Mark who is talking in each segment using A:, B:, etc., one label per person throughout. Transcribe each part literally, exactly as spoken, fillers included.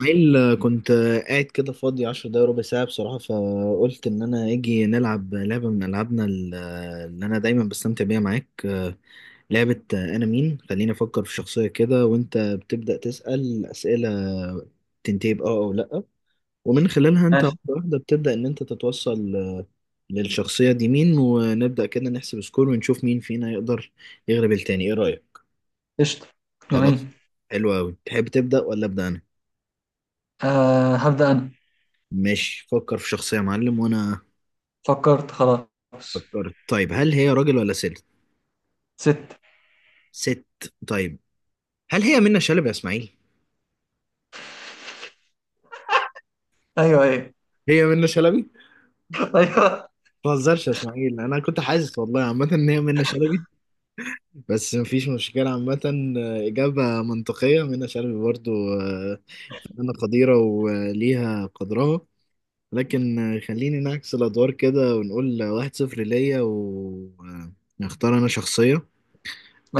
A: إسماعيل، كنت قاعد كده فاضي عشر دقايق ربع ساعة بصراحة، فقلت إن أنا أجي نلعب لعبة من ألعابنا ال- اللي أنا دايما بستمتع بيها معاك. لعبة أنا مين، خليني أفكر في شخصية كده وأنت بتبدأ تسأل أسئلة تنتهي بأه أو لأ، ومن خلالها أنت
B: ماشي.
A: واحدة واحدة بتبدأ إن أنت تتوصل للشخصية دي مين، ونبدأ كده نحسب سكور ونشوف مين فينا يقدر يغلب التاني. إيه رأيك؟
B: قشطة.
A: خلاص.
B: جميل.
A: حلو أوي، تحب تبدأ ولا أبدأ أنا؟
B: آه، هبدأ أنا.
A: ماشي، فكر في شخصية يا معلم وأنا
B: فكرت خلاص.
A: فكرت. طيب هل هي راجل ولا ست؟
B: ست.
A: ست. طيب هل هي منة شلبي يا اسماعيل؟
B: أيوه أيوه.
A: هي منة شلبي.
B: أيوه.
A: ما تهزرش يا اسماعيل، انا كنت حاسس والله عامه ان هي منة شلبي. بس مفيش مشكله عامه. آه، اجابه منطقيه، منة شلبي برضو. آه، فنانه قديره وليها قدرها. لكن آه، خليني نعكس الادوار كده، ونقول واحد صفر ليا ونختار انا شخصيه.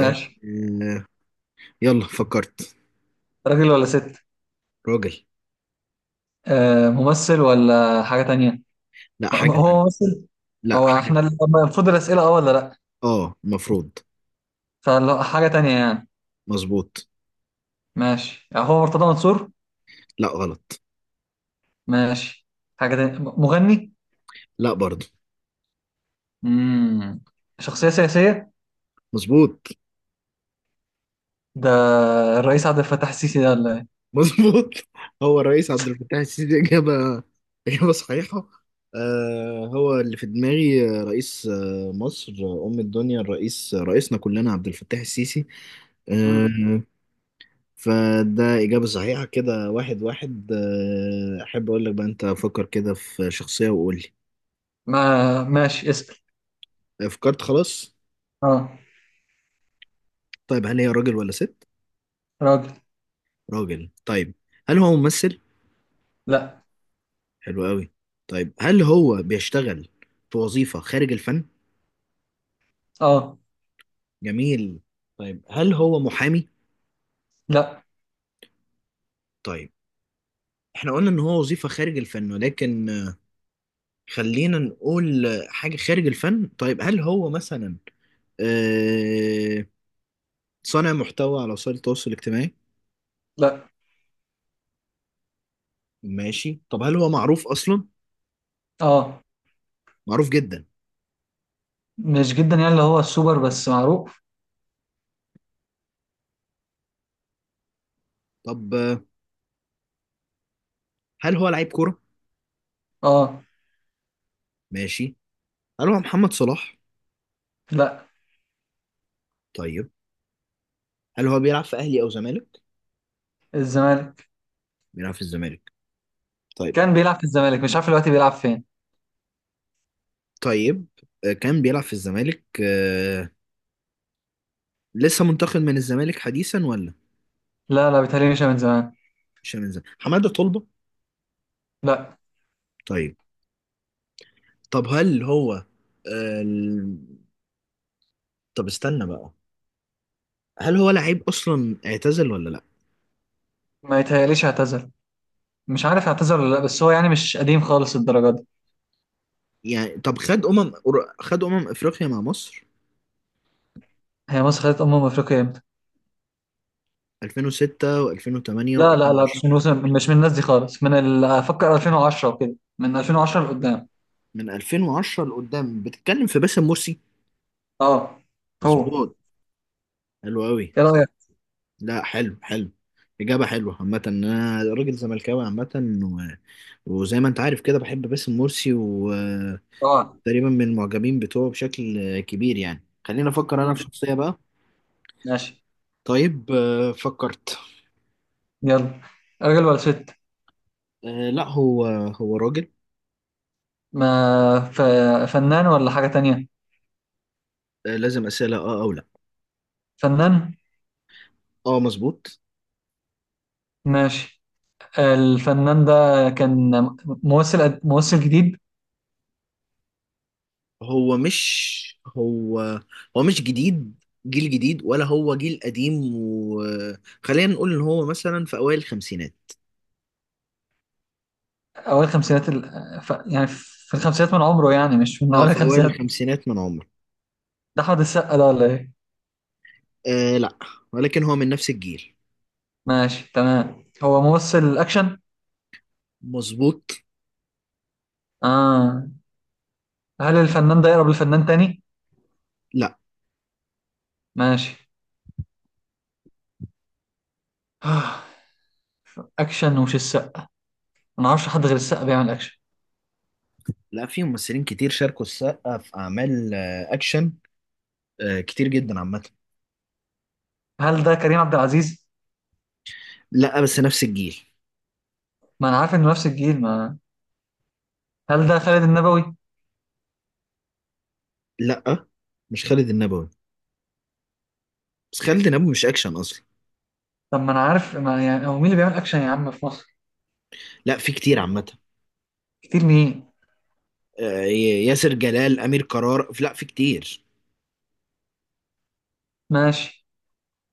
A: آه، آه، يلا فكرت.
B: راجل ولا ست؟
A: راجل.
B: آه، ممثل ولا حاجة تانية؟ م-
A: لا،
B: م-
A: حاجه
B: هو
A: تانية.
B: ممثل؟
A: لا
B: هو
A: حاجه.
B: احنا ال- المفروض الأسئلة أه ولا لأ؟
A: اه المفروض.
B: فلو حاجة تانية يعني.
A: مظبوط.
B: ماشي. آه، هو مرتضى منصور؟
A: لا غلط.
B: ماشي. حاجة تانية، م- مغني؟
A: لا برضه.
B: مم. شخصية سياسية.
A: مظبوط.
B: ده الرئيس عبد الفتاح السيسي ده ولا إيه؟
A: مظبوط. هو الرئيس عبد الفتاح السيسي إجابة، إجابة صحيحة. آه هو اللي في دماغي، آه، رئيس آه مصر، آه، أم الدنيا، الرئيس آه، رئيسنا كلنا عبد الفتاح السيسي. آه.
B: مم.
A: فده إجابة صحيحة كده، واحد واحد. آه، أحب أقول لك بقى أنت فكر كده في شخصية وقول لي.
B: ما ماشي، اسأل.
A: آه، فكرت خلاص.
B: اه.
A: طيب هل هي راجل ولا ست؟
B: راجل.
A: راجل، طيب. هل هو ممثل؟
B: لأ.
A: حلو قوي. طيب هل هو بيشتغل في وظيفة خارج الفن؟
B: اه.
A: جميل. طيب هل هو محامي؟
B: لأ.
A: طيب، احنا قلنا ان هو وظيفة خارج الفن، ولكن آه، خلينا نقول آه، حاجة خارج الفن. طيب هل هو مثلا آه، صانع محتوى على وسائل التواصل الاجتماعي؟
B: لا.
A: ماشي. طب هل هو معروف اصلا؟
B: اه،
A: معروف جدا.
B: مش جدا يعني، اللي هو السوبر، بس معروف.
A: طب آه، هل هو لعيب كورة؟
B: اه.
A: ماشي. هل هو محمد صلاح؟
B: لا.
A: طيب، هل هو بيلعب في اهلي او زمالك؟
B: الزمالك.
A: بيلعب في الزمالك. طيب.
B: كان بيلعب في الزمالك، مش عارف دلوقتي بيلعب فين.
A: طيب آه، كان بيلعب في الزمالك. آه، لسه منتقل من الزمالك حديثا ولا؟
B: لا لا، بيتهيألي مش من زمان.
A: مش من الزمالك حماده طلبه؟
B: لا.
A: طيب. طب هل هو آه، ال- طب استنى بقى، هل هو لعيب اصلا اعتزل ولا لا؟
B: ما يتهيأليش اعتزل. مش عارف اعتزل ولا لا، بس هو يعني مش قديم خالص الدرجة دي.
A: يعني طب خد امم، خد امم افريقيا مع مصر.
B: هي مصر خدت أمم أفريقيا امتى؟
A: ألفين وستة و2008
B: لا لا لا
A: و2010.
B: مش من وسم، مش من الناس دي خالص، من ال- أفكر ألفين وعشرة وكده، من ألفين وعشرة لقدام.
A: من ألفين وعشرة لقدام بتتكلم في باسم مرسي.
B: اه. هو،
A: مظبوط. حلو قوي.
B: ايه رأيك؟
A: لا حلو حلو. اجابه حلوه عامه، انا راجل زملكاوي عامه، وزي ما انت عارف كده بحب باسم مرسي، وتقريبا
B: اه.
A: من المعجبين بتوعه بشكل كبير يعني. خليني افكر انا في
B: مم.
A: شخصية بقى.
B: ماشي.
A: طيب آه، فكرت.
B: يلا، راجل ولا ست؟
A: آه، لا هو هو راجل.
B: ما ف... فنان ولا حاجة تانية؟
A: آه، لازم أسئلة اه او لا.
B: فنان.
A: اه مظبوط.
B: ماشي. الفنان ده كان ممثل، ممثل جديد؟
A: هو مش هو هو مش جديد، جيل جديد ولا هو جيل قديم، وخلينا نقول ان هو مثلا في اوائل الخمسينات.
B: أوائل الخمسينات ال... ف... يعني في الخمسينات من عمره، يعني مش من
A: اه
B: أوائل
A: في اوائل
B: الخمسينات.
A: الخمسينات من عمره.
B: ده أحمد السقا ده ولا إيه؟
A: آه لا، ولكن هو من نفس الجيل.
B: ماشي تمام، هو ممثل أكشن؟
A: مظبوط.
B: آه. هل الفنان ده يقرب لفنان تاني؟
A: لا.
B: ماشي. آه، أكشن ومش السقا. ما أعرفش حد غير السقا بيعمل أكشن.
A: لا، في ممثلين كتير شاركوا السقا في اعمال آه، اكشن، آه، كتير جدا عامه.
B: هل ده كريم عبد العزيز؟
A: لا بس نفس الجيل.
B: ما أنا عارف إنه نفس الجيل، ما، هل ده خالد النبوي؟
A: لا مش خالد النبوي، بس خالد النبوي مش اكشن اصلا.
B: طب ما أنا عارف، ما يعني هو مين اللي بيعمل أكشن يا عم في مصر؟
A: لا في كتير عامه.
B: كتير مين؟
A: آه، ي- ياسر جلال، امير قرار، لا في كتير.
B: ماشي.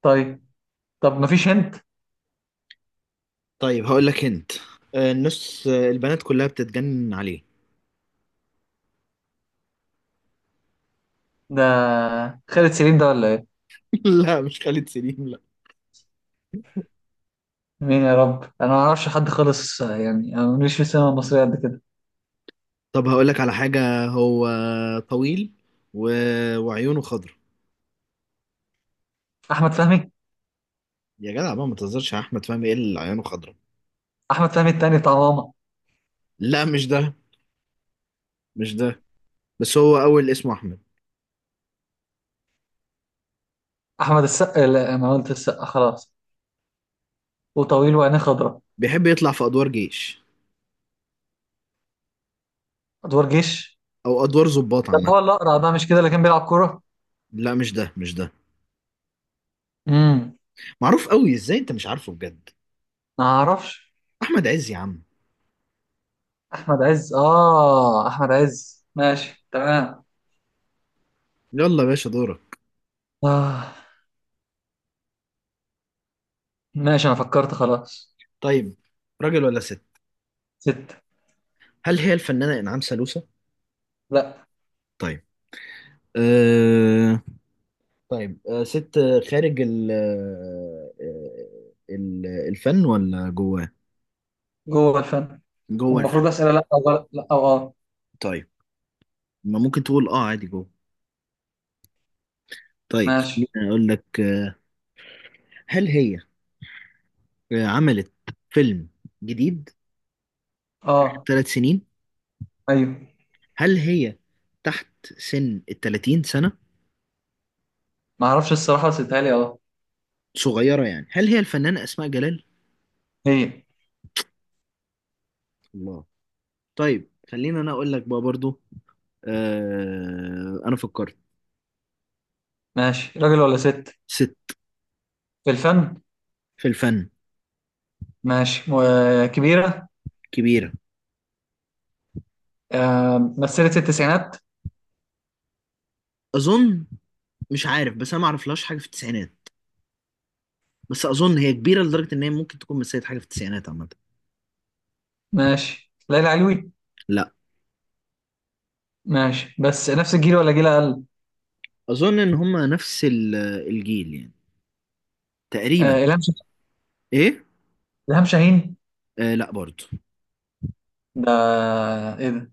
B: طيب. طب مفيش هنت.
A: طيب هقول لك انت آه، النص، آه، البنات كلها بتتجنن عليه.
B: ده خالد سليم ده ولا ايه؟
A: لا مش خالد سليم لا.
B: مين يا رب، انا ما اعرفش حد خالص، آه، يعني انا ماليش في السينما المصريه قد كده.
A: طب هقول لك على حاجه، هو طويل و... وعيونه خضرا.
B: احمد فهمي.
A: يا جدع بقى، ما تهزرش يا احمد فهمي، ايه اللي عيونه خضرا.
B: احمد فهمي التاني بتاع ماما.
A: لا مش ده مش ده، بس هو اول اسمه احمد.
B: احمد السقا؟ لا، انا قلت السقا خلاص. وطويل وعينيه خضراء.
A: بيحب يطلع في ادوار جيش
B: ادوار جيش.
A: او ادوار ضباط
B: ده اللي
A: عامه.
B: هو الاقرع ده مش كده، اللي كان بيلعب كوره؟
A: لا مش ده مش ده.
B: امم.
A: معروف قوي، ازاي انت مش عارفه بجد.
B: ما اعرفش.
A: احمد عز يا عم.
B: احمد عز؟ اه احمد عز، ماشي تمام.
A: يلا يا باشا، دورك.
B: اه. ماشي، انا فكرت خلاص.
A: طيب راجل ولا ست؟
B: ستة.
A: هل هي الفنانه انعام سالوسة؟
B: لا.
A: طيب. أه... طيب أه، ست خارج ال آه، ال- الفن ولا جواه؟
B: جوه الفن.
A: جوه
B: المفروض
A: الفن.
B: اسئله لا او لا، لا او اه.
A: طيب، ما ممكن تقول اه عادي جوه. طيب خليني
B: ماشي.
A: اقول لك. آه، هل هي آه، عملت فيلم جديد
B: اه.
A: ثلاث سنين؟
B: ايوه.
A: هل هي تحت سن ال تلاتين سنة؟
B: ما اعرفش الصراحه، بس اتهيألي اه.
A: صغيرة يعني، هل هي الفنانة أسماء جلال؟
B: هي.
A: الله. طيب خلينا أنا أقول لك بقى برضو. آه أنا فكرت.
B: ماشي، راجل ولا ست؟
A: ست.
B: في الفن.
A: في الفن.
B: ماشي، وكبيره.
A: كبيرة.
B: آه. مثلت التسعينات.
A: أظن. مش عارف، بس أنا ما أعرفلهاش حاجة في التسعينات، بس أظن هي كبيرة لدرجة إن هي ممكن تكون مثلت حاجة في التسعينات عامة.
B: ماشي. ليلى علوي؟
A: لا.
B: ماشي، بس نفس الجيل ولا جيل اقل؟
A: أظن إن هما نفس ال- الجيل يعني، تقريبا.
B: آه، الهام شه-
A: إيه؟
B: الهام شاهين.
A: آه لا برضو.
B: ده، ايه ده؟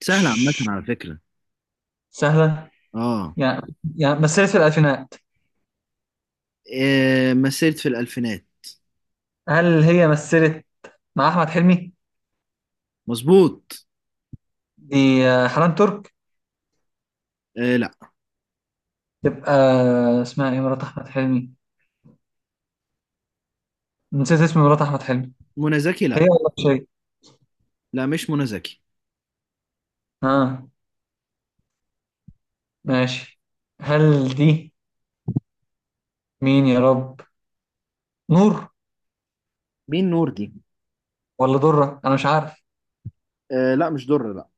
A: سهلة عامة
B: تش-
A: على فكرة.
B: سهله؟
A: آه.
B: يعني، يعني مثلت في الالفينات.
A: آه مثلت في الألفينات.
B: هل هي مثلت مع احمد حلمي؟
A: مظبوط.
B: دي آه، حنان ترك؟
A: آه لا.
B: تبقى آه، اسمها ايه مرات احمد حلمي؟ نسيت اسم مرات احمد حلمي.
A: منى زكي
B: هي
A: لا.
B: ولا مش هي؟
A: لا مش منى زكي.
B: ها. ماشي. هل دي، مين يا رب؟ نور
A: مين نور دي؟
B: ولا ضرة، انا مش عارف.
A: آه لا مش در لا.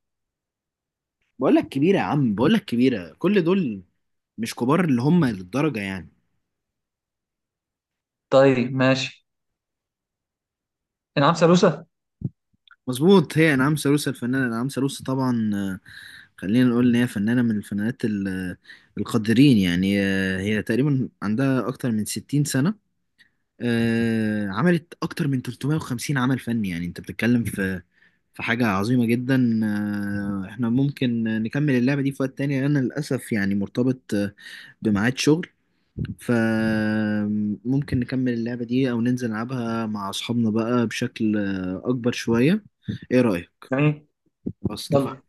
A: بقول لك كبيرة يا عم، بقول لك كبيرة، كل دول مش كبار اللي هم للدرجة يعني.
B: طيب ماشي. انعام سالوسة.
A: مظبوط، هي انعام سالوسة. الفنانة انعام سالوسة طبعا. آه، خلينا نقول ان هي فنانة من الفنانات ال- آه، القادرين يعني. آه، هي تقريبا عندها اكتر من ستين سنة. آه، عملت اكتر من ثلاثمائة وخمسين عمل فني، يعني انت بتتكلم في فحاجة عظيمة جدا. آه، احنا ممكن نكمل اللعبة دي في وقت تاني، انا للأسف يعني مرتبط آه، بميعاد شغل، فممكن نكمل اللعبة دي او ننزل نلعبها مع اصحابنا بقى بشكل آه، اكبر شوية. ايه رأيك؟
B: جميل.
A: خلاص
B: يلا.
A: اتفقنا.